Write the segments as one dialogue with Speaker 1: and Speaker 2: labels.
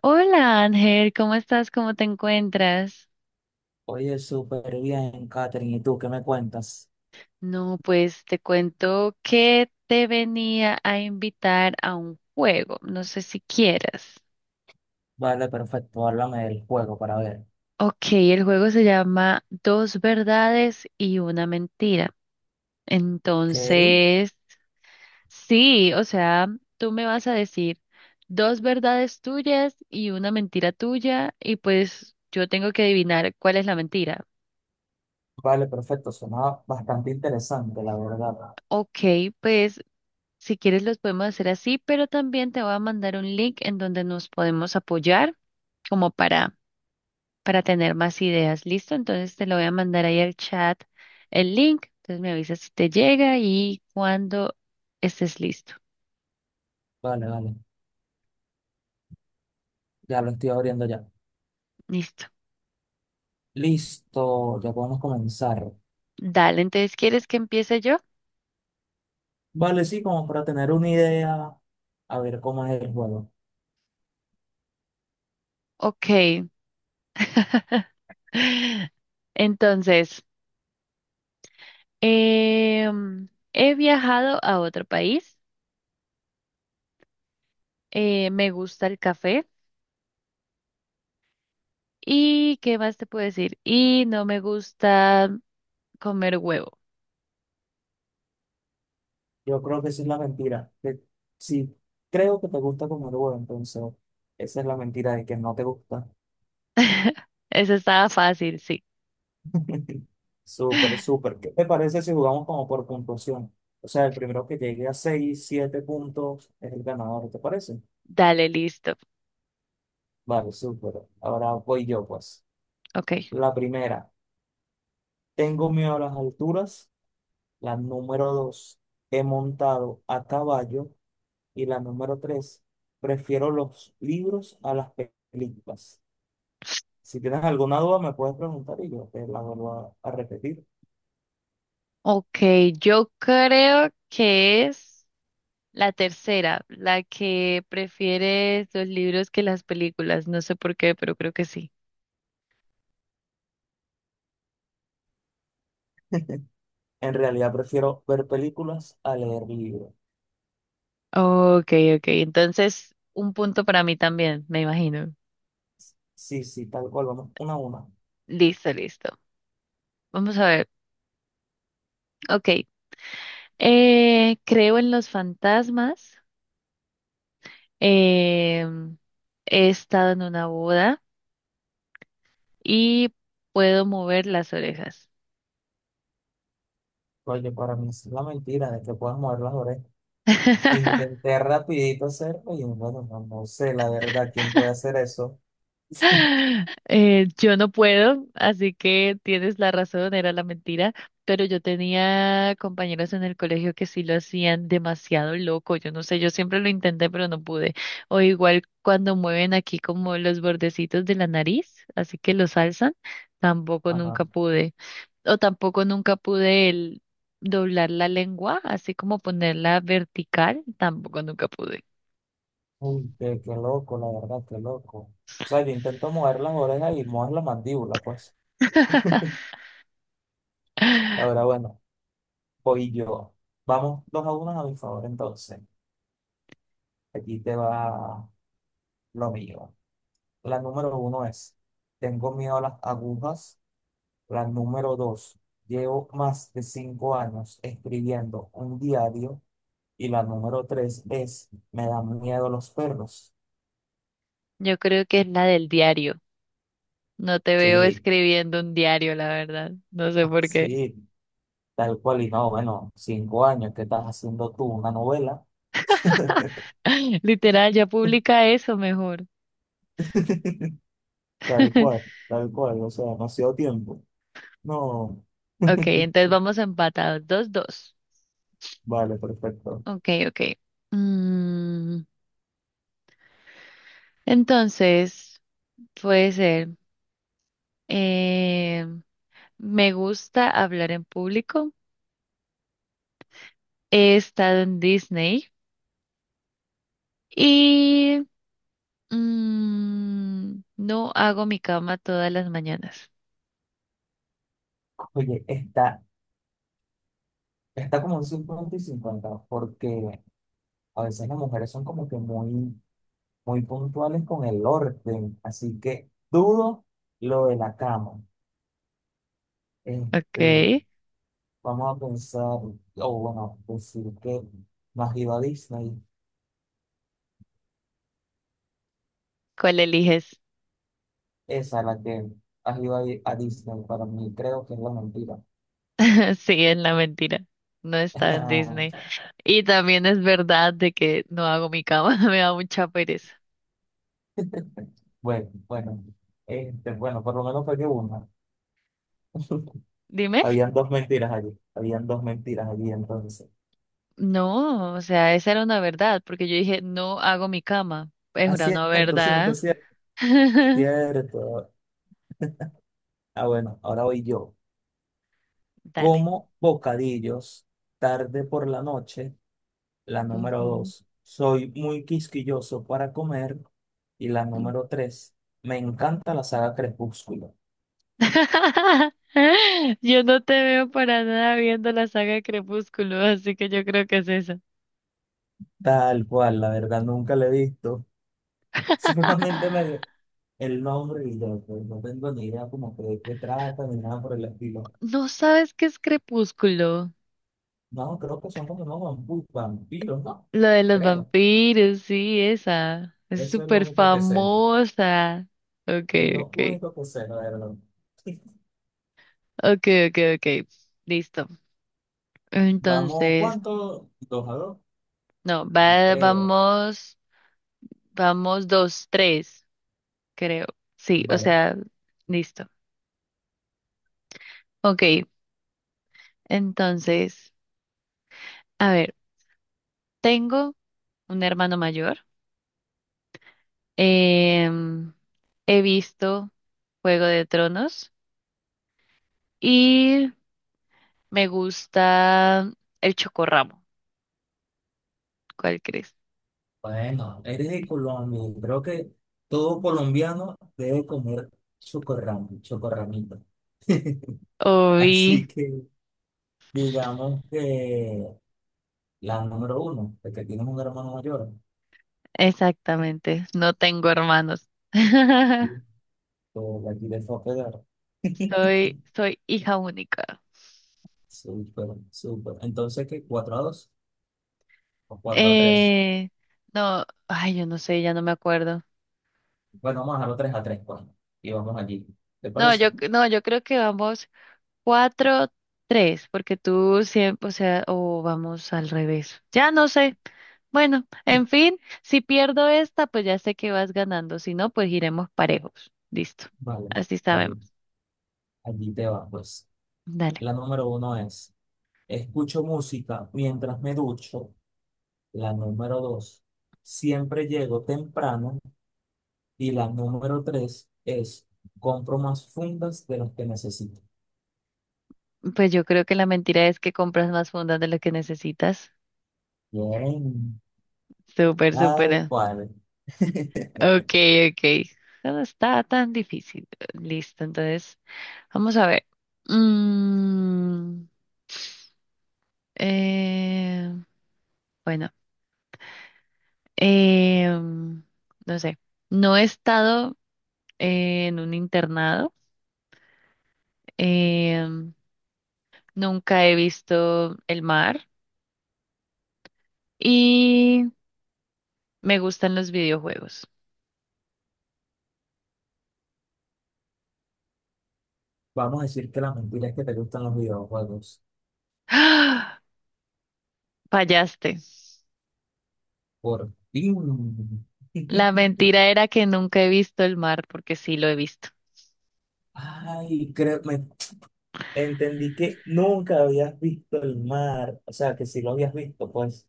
Speaker 1: Hola Ángel, ¿cómo estás? ¿Cómo te encuentras?
Speaker 2: Oye, súper bien, Katherine. ¿Y tú qué me cuentas?
Speaker 1: No, pues te cuento que te venía a invitar a un juego, no sé si quieras.
Speaker 2: Vale, perfecto. Háblame del juego para ver.
Speaker 1: Ok, el juego se llama Dos verdades y una mentira.
Speaker 2: ¿Qué?
Speaker 1: Entonces, sí, o sea, tú me vas a decir dos verdades tuyas y una mentira tuya y pues yo tengo que adivinar cuál es la mentira.
Speaker 2: Vale, perfecto. Sonaba bastante interesante, la verdad.
Speaker 1: Ok, pues si quieres, los podemos hacer así, pero también te voy a mandar un link en donde nos podemos apoyar como para tener más ideas. ¿Listo? Entonces te lo voy a mandar ahí al chat el link. Entonces me avisas si te llega y cuando estés listo.
Speaker 2: Vale, vale. Ya lo estoy abriendo ya.
Speaker 1: Listo.
Speaker 2: Listo, ya podemos comenzar.
Speaker 1: Dale, entonces, ¿quieres que empiece yo?
Speaker 2: Vale, sí, como para tener una idea, a ver cómo es el juego.
Speaker 1: Ok. Entonces, em, he viajado a otro país. Me gusta el café. ¿Y qué más te puedo decir? Y no me gusta comer huevo.
Speaker 2: Yo creo que esa es la mentira. Que sí, creo que te gusta como el juego, entonces esa es la mentira de que no te gusta.
Speaker 1: Eso estaba fácil, sí.
Speaker 2: Súper, súper. ¿Qué te parece si jugamos como por puntuación? O sea, el primero que llegue a 6 7 puntos es el ganador, ¿te parece?
Speaker 1: Dale, listo.
Speaker 2: Vale, súper. Ahora voy yo, pues.
Speaker 1: Ok.
Speaker 2: La primera, tengo miedo a las alturas. La número 2 he montado a caballo. Y la número 3 prefiero los libros a las películas. Si tienes alguna duda, me puedes preguntar y yo te la vuelvo a repetir.
Speaker 1: Ok, yo creo que es la tercera, la que prefieres los libros que las películas. No sé por qué, pero creo que sí.
Speaker 2: En realidad, prefiero ver películas a leer libros.
Speaker 1: Ok, ok. Entonces, un punto para mí también, me imagino.
Speaker 2: Sí, sí, tal cual, vamos 1-1.
Speaker 1: Listo, listo. Vamos a ver. Ok. Creo en los fantasmas. Eh, He estado en una boda y puedo mover las orejas.
Speaker 2: Oye, para mí es la mentira de que puedas mover las orejas. Intenté rapidito hacerlo y bueno, no, no sé, la verdad, ¿quién puede hacer eso?
Speaker 1: Yo no puedo, así que tienes la razón, era la mentira, pero yo tenía compañeros en el colegio que sí lo hacían demasiado loco, yo no sé, yo siempre lo intenté, pero no pude. O igual cuando mueven aquí como los bordecitos de la nariz, así que los alzan, tampoco
Speaker 2: Ajá.
Speaker 1: nunca pude. O tampoco nunca pude el doblar la lengua, así como ponerla vertical, tampoco nunca pude.
Speaker 2: Uy, qué loco, la verdad, qué loco. O sea, yo intento mover las orejas y mover la mandíbula, pues. Ahora, bueno, voy yo. Vamos 2-1 a mi favor, entonces. Aquí te va lo mío. La número uno es, tengo miedo a las agujas. La número dos, llevo más de 5 años escribiendo un diario. Y la número tres es, me dan miedo los perros.
Speaker 1: Yo creo que es la del diario. No te veo
Speaker 2: Sí,
Speaker 1: escribiendo un diario, la verdad. No sé por qué.
Speaker 2: sí, tal cual. Y no, bueno, 5 años que estás haciendo tú una novela.
Speaker 1: Literal, ya publica eso mejor.
Speaker 2: Tal cual, o sea, demasiado tiempo. No.
Speaker 1: Ok, entonces vamos empatados. Dos, dos.
Speaker 2: Vale, perfecto.
Speaker 1: Ok, ok. Mm, entonces, puede ser. eh, Me gusta hablar en público. He estado en Disney. Y mm, no hago mi cama todas las mañanas.
Speaker 2: Oye, está como un 50 y 50 porque a veces las mujeres son como que muy muy puntuales con el orden, así que dudo lo de la cama. Este,
Speaker 1: Ok.
Speaker 2: vamos a pensar, o bueno, decir que no has ido a Disney,
Speaker 1: ¿Cuál eliges?
Speaker 2: esa es la que has ido a Disney, para mí creo que es la mentira.
Speaker 1: Sí, es la mentira. No está en Disney. Y también es verdad de que no hago mi cama. Me da mucha pereza.
Speaker 2: Bueno, bueno, este, bueno, por lo menos fue que una.
Speaker 1: Dime.
Speaker 2: Habían dos mentiras allí, habían dos mentiras allí entonces.
Speaker 1: No, o sea, esa era una verdad, porque yo dije, no hago mi cama. Es
Speaker 2: Ah,
Speaker 1: una no
Speaker 2: cierto, cierto,
Speaker 1: verdad.
Speaker 2: cierto, cierto. Ah, bueno, ahora voy yo.
Speaker 1: Dale.
Speaker 2: Como bocadillos tarde por la noche, la número dos. Soy muy quisquilloso para comer. Y la
Speaker 1: Ujú.
Speaker 2: número tres, me encanta la saga Crepúsculo.
Speaker 1: Yo no te veo para nada viendo la saga de Crepúsculo, así que yo creo que es esa.
Speaker 2: Tal cual, la verdad nunca la he visto. Solamente me dio el nombre y ya, pues, no tengo ni idea como que de qué trata ni nada por el estilo.
Speaker 1: ¿No sabes qué es Crepúsculo?
Speaker 2: No, creo que son como unos vampiros, ¿no?
Speaker 1: Lo de los
Speaker 2: Creo.
Speaker 1: vampiros, sí, esa. Es
Speaker 2: Eso es lo
Speaker 1: súper
Speaker 2: único que sé.
Speaker 1: famosa. Ok,
Speaker 2: Es lo
Speaker 1: ok.
Speaker 2: único que sé, la verdad.
Speaker 1: Ok, ok, ok. Listo.
Speaker 2: Vamos,
Speaker 1: Entonces,
Speaker 2: ¿cuánto? ¿2-2?
Speaker 1: no, va,
Speaker 2: Creo,
Speaker 1: vamos, vamos dos, tres, creo. Sí, o
Speaker 2: vale.
Speaker 1: sea, listo. Ok, entonces, a ver, tengo un hermano mayor. Em, He visto Juego de Tronos y me gusta El Chocorramo. ¿Cuál crees?
Speaker 2: Bueno, eres de Colombia. Creo que todo colombiano debe comer chocorramo, chocorramito.
Speaker 1: Uy,
Speaker 2: Así que digamos que la número uno, de que tienes un hermano mayor,
Speaker 1: exactamente. No tengo hermanos.
Speaker 2: y tú la quieres fue a pegar.
Speaker 1: Soy hija única.
Speaker 2: Súper, súper. Entonces, ¿qué? 4-2 o 4-3.
Speaker 1: Eh, no, ay, yo no sé, ya no me acuerdo.
Speaker 2: Bueno, vamos a dejarlo 3-3, pues. Y vamos allí. ¿Te
Speaker 1: No, yo,
Speaker 2: parece?
Speaker 1: no, yo creo que vamos cuatro, tres, porque tú siempre, o sea, o vamos al revés. Ya no sé. Bueno, en fin, si pierdo esta, pues ya sé que vas ganando. Si no, pues iremos parejos. Listo.
Speaker 2: Vale,
Speaker 1: Así
Speaker 2: vale.
Speaker 1: sabemos.
Speaker 2: Allí te va, pues.
Speaker 1: Dale.
Speaker 2: La número uno es, escucho música mientras me ducho. La número dos, siempre llego temprano. Y la número tres es, compro más fundas de las que necesito.
Speaker 1: Pues yo creo que la mentira es que compras más fundas de lo que necesitas.
Speaker 2: Bien,
Speaker 1: Súper, súper.
Speaker 2: tal cual.
Speaker 1: Ok, ok. No está tan difícil. Listo, entonces, vamos a ver. Mm, eh, bueno, em, no sé. No he estado en un internado. em, Nunca he visto el mar y me gustan los videojuegos.
Speaker 2: Vamos a decir que la mentira es que te gustan los videojuegos.
Speaker 1: ¡Ah! Fallaste.
Speaker 2: Por fin.
Speaker 1: La mentira era que nunca he visto el mar porque sí lo he visto.
Speaker 2: Ay, creo, me entendí que nunca habías visto el mar. O sea, que si lo habías visto, pues.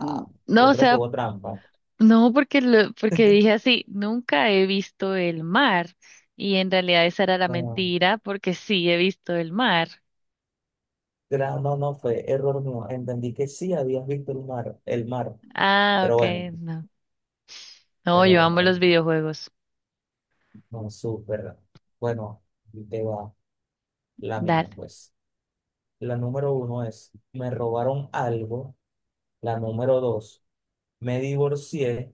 Speaker 1: Mm, no,
Speaker 2: yo
Speaker 1: o
Speaker 2: creo que
Speaker 1: sea,
Speaker 2: hubo trampa.
Speaker 1: no porque lo- porque dije así, nunca he visto el mar y en realidad esa era la
Speaker 2: Bueno,
Speaker 1: mentira porque sí he visto el mar.
Speaker 2: No, no fue error mío. Entendí que sí habías visto el mar, el mar.
Speaker 1: Ah,
Speaker 2: Pero
Speaker 1: ok,
Speaker 2: bueno,
Speaker 1: no. No, yo amo
Speaker 2: a
Speaker 1: los
Speaker 2: ver,
Speaker 1: videojuegos.
Speaker 2: no súper. Bueno, ahí te va la mía,
Speaker 1: Dale.
Speaker 2: pues. La número uno es, me robaron algo. La número dos, me divorcié.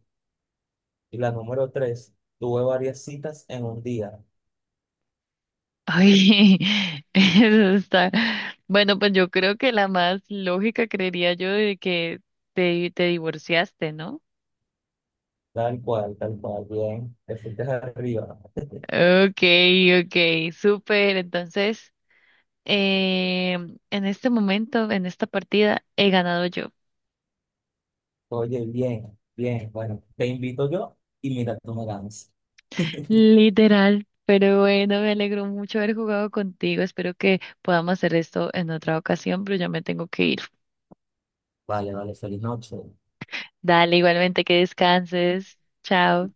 Speaker 2: Y la número tres, tuve varias citas en un día.
Speaker 1: Ay, eso está. Bueno, pues yo creo que la más lógica creería yo de que te divorciaste, ¿no?
Speaker 2: Tal cual, tal cual. Bien, te fuiste arriba.
Speaker 1: Okay, okay, súper. Entonces, eh, en este momento, en esta partida, he ganado yo.
Speaker 2: Oye, bien, bien. Bueno, te invito yo y mira, tú me ganas.
Speaker 1: Literal. Pero bueno, me alegro mucho haber jugado contigo. Espero que podamos hacer esto en otra ocasión, pero ya me tengo que ir.
Speaker 2: Vale, vale, feliz noche.
Speaker 1: Dale, igualmente que descanses. Chao.